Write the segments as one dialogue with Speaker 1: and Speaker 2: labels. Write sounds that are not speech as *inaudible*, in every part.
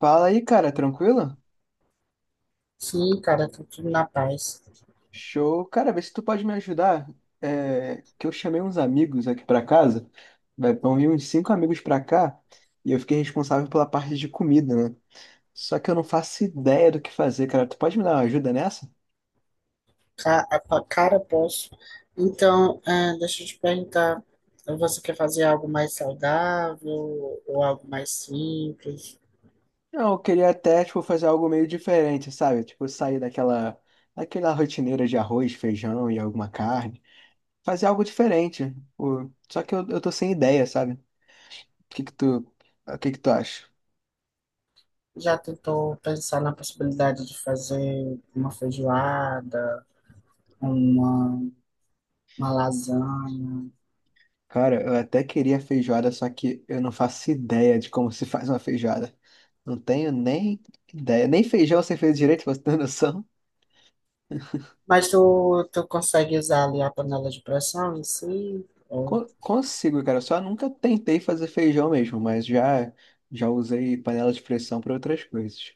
Speaker 1: Fala aí, cara, tranquilo?
Speaker 2: Sim, cara, tá tudo na paz.
Speaker 1: Show. Cara, vê se tu pode me ajudar. É, que eu chamei uns amigos aqui pra casa. Vai vão vir uns cinco amigos pra cá e eu fiquei responsável pela parte de comida, né? Só que eu não faço ideia do que fazer, cara. Tu pode me dar uma ajuda nessa?
Speaker 2: Cara, posso. Então, deixa eu te perguntar, você quer fazer algo mais saudável ou algo mais simples?
Speaker 1: Não, eu queria até, tipo, fazer algo meio diferente, sabe? Tipo, sair daquela rotineira de arroz, feijão e alguma carne. Fazer algo diferente. Pô, só que eu tô sem ideia, sabe? Que que tu, o que que tu acha?
Speaker 2: Já tentou pensar na possibilidade de fazer uma feijoada, uma, uma lasanha?
Speaker 1: Cara, eu até queria feijoada, só que eu não faço ideia de como se faz uma feijoada. Não tenho nem ideia. Nem feijão você fez direito, pra você ter *laughs* noção.
Speaker 2: Mas tu consegue usar ali a panela de pressão em si? Ou...
Speaker 1: Consigo, cara. Eu só nunca tentei fazer feijão mesmo, mas já usei panela de pressão para outras coisas.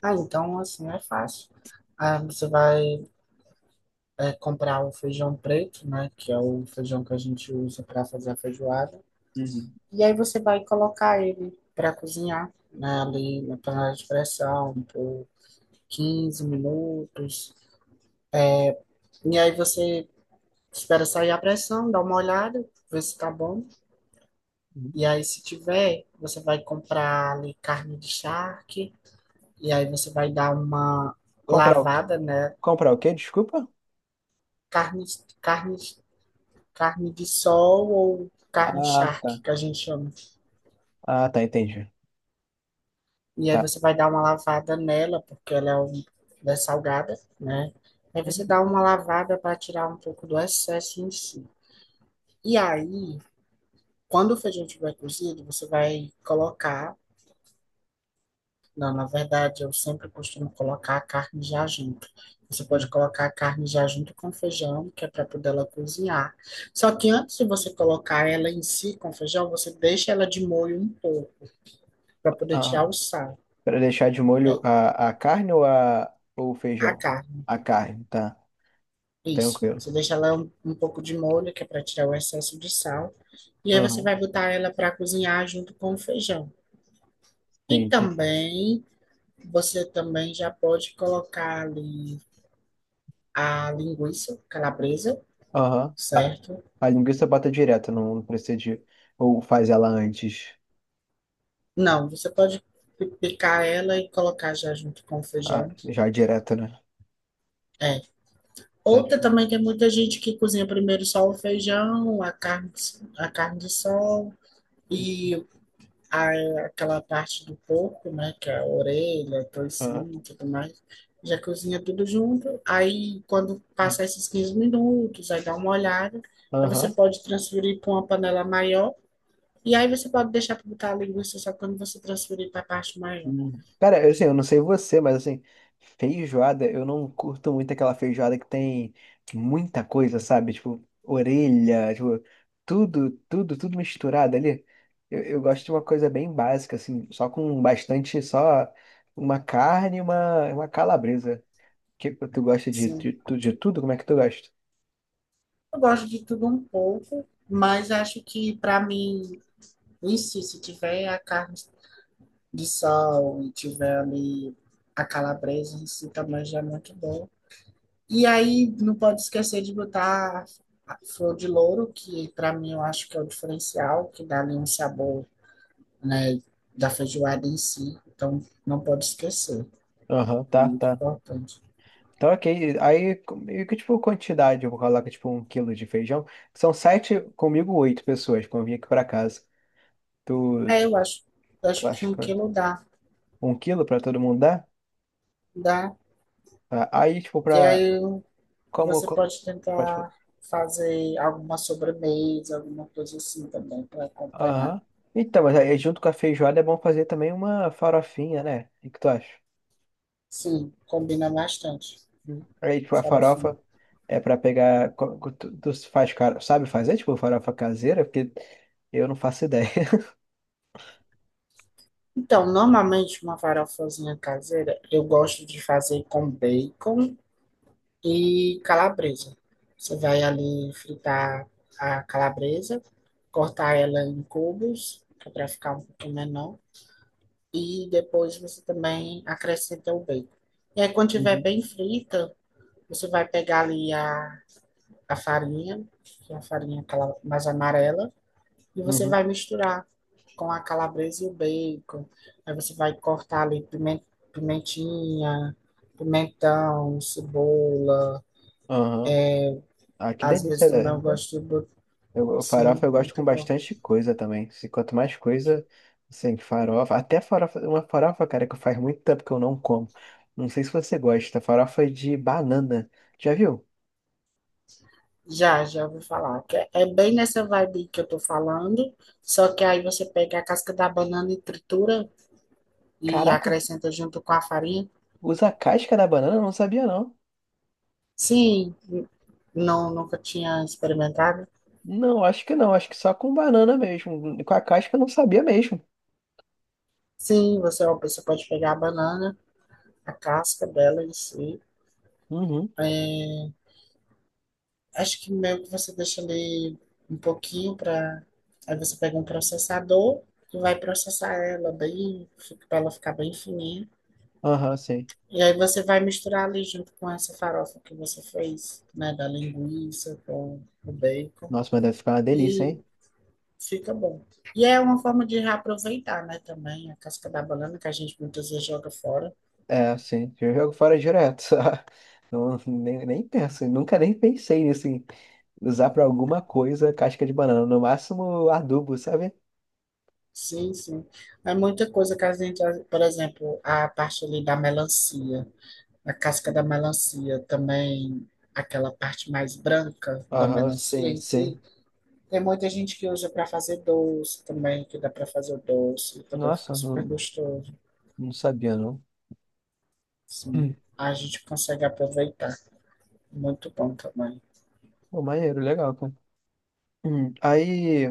Speaker 2: Ah, então, assim, é fácil. Ah, você vai comprar o feijão preto, né? Que é o feijão que a gente usa para fazer a feijoada.
Speaker 1: Uhum.
Speaker 2: E aí você vai colocar ele para cozinhar, né? Ali na panela de pressão por 15 minutos. E aí você espera sair a pressão, dá uma olhada, ver se tá bom.
Speaker 1: Uhum.
Speaker 2: E aí se tiver, você vai comprar ali carne de charque. E aí você vai dar uma
Speaker 1: Comprar o quê?
Speaker 2: lavada, né?
Speaker 1: Comprar o quê? Desculpa?
Speaker 2: Carne, carne, carne de sol ou carne
Speaker 1: Ah,
Speaker 2: charque,
Speaker 1: tá.
Speaker 2: que a gente chama.
Speaker 1: Ah, tá, entendi.
Speaker 2: E aí
Speaker 1: Tá.
Speaker 2: você vai dar uma lavada nela, porque ela é salgada, né? Aí
Speaker 1: Hum,
Speaker 2: você dá uma lavada para tirar um pouco do excesso em si. E aí, quando o feijão estiver cozido, você vai colocar. Não, na verdade, eu sempre costumo colocar a carne já junto. Você pode
Speaker 1: hum.
Speaker 2: colocar a carne já junto com o feijão, que é para poder ela cozinhar. Só que antes de você colocar ela em si com o feijão, você deixa ela de molho um pouco, para poder tirar
Speaker 1: Ah,
Speaker 2: o sal.
Speaker 1: para deixar de molho a carne ou, ou o
Speaker 2: A
Speaker 1: feijão?
Speaker 2: carne.
Speaker 1: A carne, tá.
Speaker 2: Isso.
Speaker 1: Tranquilo.
Speaker 2: Você deixa ela um pouco de molho, que é para tirar o excesso de sal. E aí você
Speaker 1: Uhum.
Speaker 2: vai botar ela para cozinhar junto com o feijão.
Speaker 1: Sim,
Speaker 2: E
Speaker 1: entendi.
Speaker 2: também, você também já pode colocar ali a linguiça calabresa,
Speaker 1: Aham. A,
Speaker 2: certo?
Speaker 1: a linguiça bota direto, não precisa de. Ou faz ela antes.
Speaker 2: Não, você pode picar ela e colocar já junto com o
Speaker 1: Ah,
Speaker 2: feijão.
Speaker 1: já direto, né?
Speaker 2: É.
Speaker 1: Tá.
Speaker 2: Outra também tem muita gente que cozinha primeiro só o feijão, a carne de sol e aí, aquela parte do corpo, né, que é a orelha,
Speaker 1: Aham.
Speaker 2: toicinho e tudo mais, já cozinha tudo junto. Aí, quando passar esses 15 minutos, aí dá uma olhada. Aí você
Speaker 1: Aham.
Speaker 2: pode transferir para uma panela maior. E aí você pode deixar para botar a linguiça só quando você transferir para a parte maior.
Speaker 1: Hum. Cara, eu, assim, eu não sei você, mas assim, feijoada, eu não curto muito aquela feijoada que tem muita coisa, sabe? Tipo, orelha, tipo, tudo, tudo, tudo misturado ali. Eu gosto de uma coisa bem básica, assim, só com bastante, só uma carne e uma calabresa. Que tu gosta de,
Speaker 2: Sim.
Speaker 1: de, tu- de tudo? Como é que tu gosta?
Speaker 2: Eu gosto de tudo um pouco, mas acho que para mim, em si, se tiver a carne de sol e tiver ali a calabresa em si, também já é muito bom. E aí não pode esquecer de botar a flor de louro, que para mim eu acho que é o diferencial, que dá ali um sabor, né, da feijoada em si. Então não pode esquecer,
Speaker 1: Aham,
Speaker 2: é
Speaker 1: tá,
Speaker 2: muito
Speaker 1: tá.
Speaker 2: importante.
Speaker 1: Então, ok. Aí, e que tipo quantidade? Eu vou colocar tipo 1 quilo de feijão. São sete, comigo oito pessoas, quando eu vim aqui pra casa. Tu,
Speaker 2: É, eu acho, eu
Speaker 1: tu
Speaker 2: acho que
Speaker 1: acha
Speaker 2: um
Speaker 1: que
Speaker 2: quilo dá,
Speaker 1: 1 quilo pra todo mundo dá?
Speaker 2: dá.
Speaker 1: Tá. Aí, tipo,
Speaker 2: E
Speaker 1: pra.
Speaker 2: aí
Speaker 1: Como.
Speaker 2: você pode
Speaker 1: Pode falar.
Speaker 2: tentar fazer alguma sobremesa, alguma coisa assim também para acompanhar.
Speaker 1: Aham. Então, mas aí junto com a feijoada é bom fazer também uma farofinha, né? O que que tu acha?
Speaker 2: Sim, combina bastante
Speaker 1: Aí,
Speaker 2: a
Speaker 1: tipo, a
Speaker 2: farofinha.
Speaker 1: farofa é pra pegar. Tu faz, cara, sabe fazer, tipo, farofa caseira? Porque eu não faço ideia. *laughs*
Speaker 2: Então, normalmente uma farofazinha caseira eu gosto de fazer com bacon e calabresa. Você vai ali fritar a calabresa, cortar ela em cubos, que é para ficar um pouquinho menor, e depois você também acrescenta o bacon. E aí, quando tiver
Speaker 1: Uhum,
Speaker 2: bem frita, você vai pegar ali a farinha, que é a farinha aquela mais amarela, e você
Speaker 1: uhum.
Speaker 2: vai misturar com a calabresa e o bacon. Aí você vai cortar ali pimentinha, pimentão, cebola.
Speaker 1: Aham.
Speaker 2: É,
Speaker 1: Ah, que
Speaker 2: às vezes
Speaker 1: delícia,
Speaker 2: também
Speaker 1: né?
Speaker 2: eu gosto de... Sim,
Speaker 1: Farofa eu gosto com
Speaker 2: muito bom.
Speaker 1: bastante coisa também. Se, quanto mais coisa, assim, farofa. Até farofa, uma farofa, cara, que faz muito tempo que eu não como. Não sei se você gosta. Farofa de banana. Já viu?
Speaker 2: Já, já vou falar. Que é bem nessa vibe que eu tô falando, só que aí você pega a casca da banana e tritura e
Speaker 1: Caraca,
Speaker 2: acrescenta junto com a farinha.
Speaker 1: usa a casca da banana? Eu não sabia, não.
Speaker 2: Sim, não, nunca tinha experimentado.
Speaker 1: Não, acho que não. Acho que só com banana mesmo. Com a casca eu não sabia mesmo.
Speaker 2: Sim, você pode pegar a banana, a casca dela em si.
Speaker 1: Uhum.
Speaker 2: Acho que meio que você deixa ali um pouquinho para. Aí você pega um processador e vai processar ela bem, para ela ficar bem fininha.
Speaker 1: Aham, sim.
Speaker 2: E aí você vai misturar ali junto com essa farofa que você fez, né, da linguiça com o bacon
Speaker 1: Nossa, mas deve ficar uma delícia,
Speaker 2: e
Speaker 1: hein?
Speaker 2: fica bom. E é uma forma de reaproveitar, né, também a casca da banana que a gente muitas vezes joga fora.
Speaker 1: É, sim. Eu jogo fora direto. *laughs* Não, nem penso, nunca nem pensei nisso, em usar pra alguma coisa casca de banana. No máximo adubo, sabe?
Speaker 2: Sim, sim. É muita coisa que a gente, por exemplo, a parte ali da melancia. A casca da
Speaker 1: Uhum.
Speaker 2: melancia também, aquela parte mais branca da
Speaker 1: Aham,
Speaker 2: melancia
Speaker 1: sim,
Speaker 2: em
Speaker 1: sim.
Speaker 2: si, tem muita gente que usa para fazer doce também, que dá para fazer o doce, também fica
Speaker 1: Nossa,
Speaker 2: super
Speaker 1: não,
Speaker 2: gostoso.
Speaker 1: não sabia, não.
Speaker 2: Sim,
Speaker 1: Hum.
Speaker 2: a gente consegue aproveitar. Muito bom também.
Speaker 1: Pô, maneiro, legal, cara. Hum. Aí,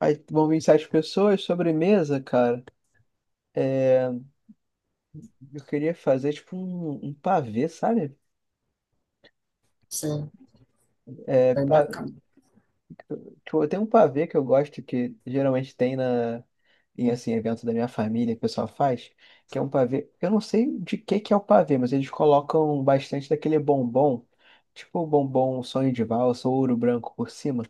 Speaker 1: aí vão vir sete pessoas, sobremesa, cara. É, eu queria fazer tipo um pavê, sabe?
Speaker 2: Sim,
Speaker 1: É,
Speaker 2: bem bacana.
Speaker 1: tipo, tem um pavê que eu gosto que geralmente tem na em assim evento da minha família que o pessoal faz, que é um pavê. Eu não sei de que é o pavê, mas eles colocam bastante daquele bombom, tipo o bombom sonho de valsa ou ouro branco por cima.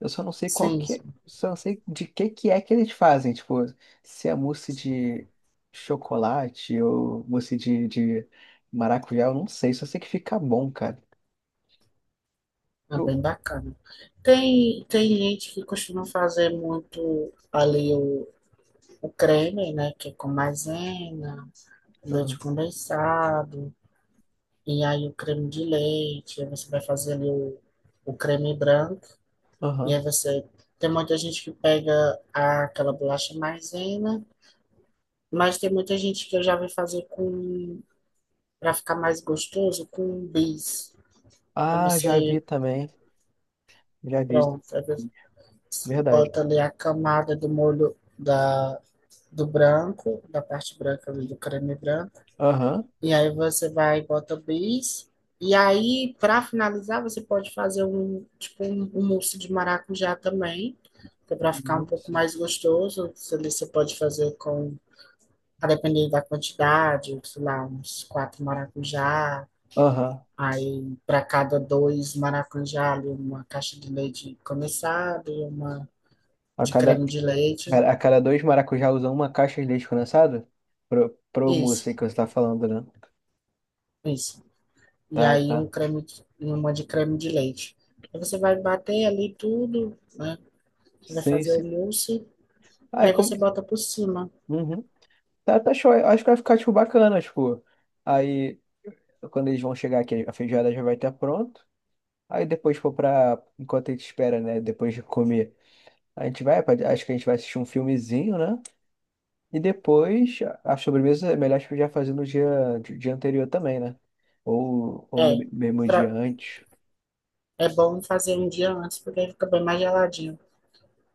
Speaker 1: Eu só não sei qual
Speaker 2: Sim,
Speaker 1: que é,
Speaker 2: sim,
Speaker 1: só não sei de que é que eles fazem, tipo, se é mousse de chocolate ou mousse de maracujá, eu não sei, só sei que fica bom, cara.
Speaker 2: é
Speaker 1: Eu-
Speaker 2: bem bacana. Tem gente que costuma fazer muito ali o creme, né, que é com maisena, leite
Speaker 1: Aham.
Speaker 2: condensado. E aí o creme de leite, aí você vai fazer ali o creme branco, e
Speaker 1: Aham.
Speaker 2: aí você. Tem muita gente que pega aquela bolacha maisena, mas tem muita gente que eu já vi fazer com, para ficar mais gostoso, com bis. Aí
Speaker 1: Ah, já vi
Speaker 2: você,
Speaker 1: também. Já visto.
Speaker 2: pronto, aí você
Speaker 1: Verdade.
Speaker 2: bota ali a camada do molho da, do branco, da parte branca ali do creme branco.
Speaker 1: Aham.
Speaker 2: E aí você vai e bota o bis. E aí, para finalizar, você pode fazer um, tipo, um, mousse de maracujá também, que é para ficar um pouco
Speaker 1: Nossa.
Speaker 2: mais gostoso. Você pode fazer com, a depender da quantidade, sei lá, uns quatro maracujá.
Speaker 1: Aham.
Speaker 2: Aí, para cada dois maracujá, ali, uma caixa de leite condensado e uma
Speaker 1: A
Speaker 2: de
Speaker 1: cada,
Speaker 2: creme de leite.
Speaker 1: a cada dois maracujá usa uma caixa de leite condensado? Pro mousse
Speaker 2: Isso,
Speaker 1: aí que você tá falando, né?
Speaker 2: isso. E
Speaker 1: Tá,
Speaker 2: aí,
Speaker 1: tá.
Speaker 2: e uma de creme de leite. Aí você vai bater ali tudo, né? Vai
Speaker 1: Sim,
Speaker 2: fazer o
Speaker 1: sim.
Speaker 2: mousse,
Speaker 1: Ah, é
Speaker 2: aí
Speaker 1: como...
Speaker 2: você bota por cima.
Speaker 1: Uhum. Tá, tá show. Eu acho que vai ficar, tipo, bacana, tipo... Aí, quando eles vão chegar aqui, a feijoada já vai estar pronto. Aí depois for pra... Enquanto a gente espera, né? Depois de comer. A gente vai... pra- Acho que a gente vai assistir um filmezinho, né? E depois, a sobremesa é melhor tipo, já fazer no dia, anterior também, né? Ou
Speaker 2: É,
Speaker 1: no mesmo dia
Speaker 2: pra-
Speaker 1: antes.
Speaker 2: é bom fazer um dia antes, porque aí fica bem mais geladinho,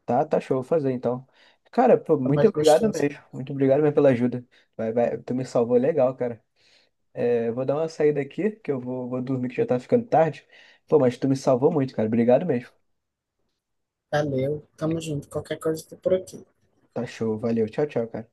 Speaker 1: Tá, tá show, vou fazer então. Cara, pô,
Speaker 2: fica
Speaker 1: muito
Speaker 2: mais
Speaker 1: obrigado
Speaker 2: gostoso.
Speaker 1: mesmo. Muito obrigado mesmo pela ajuda. Vai, vai, tu me salvou legal, cara. É, vou dar uma saída aqui, que eu vou, dormir que já tá ficando tarde. Pô, mas tu me salvou muito, cara. Obrigado mesmo.
Speaker 2: Valeu, tamo junto. Qualquer coisa, tô por aqui.
Speaker 1: Tá show, valeu. Tchau, tchau, cara.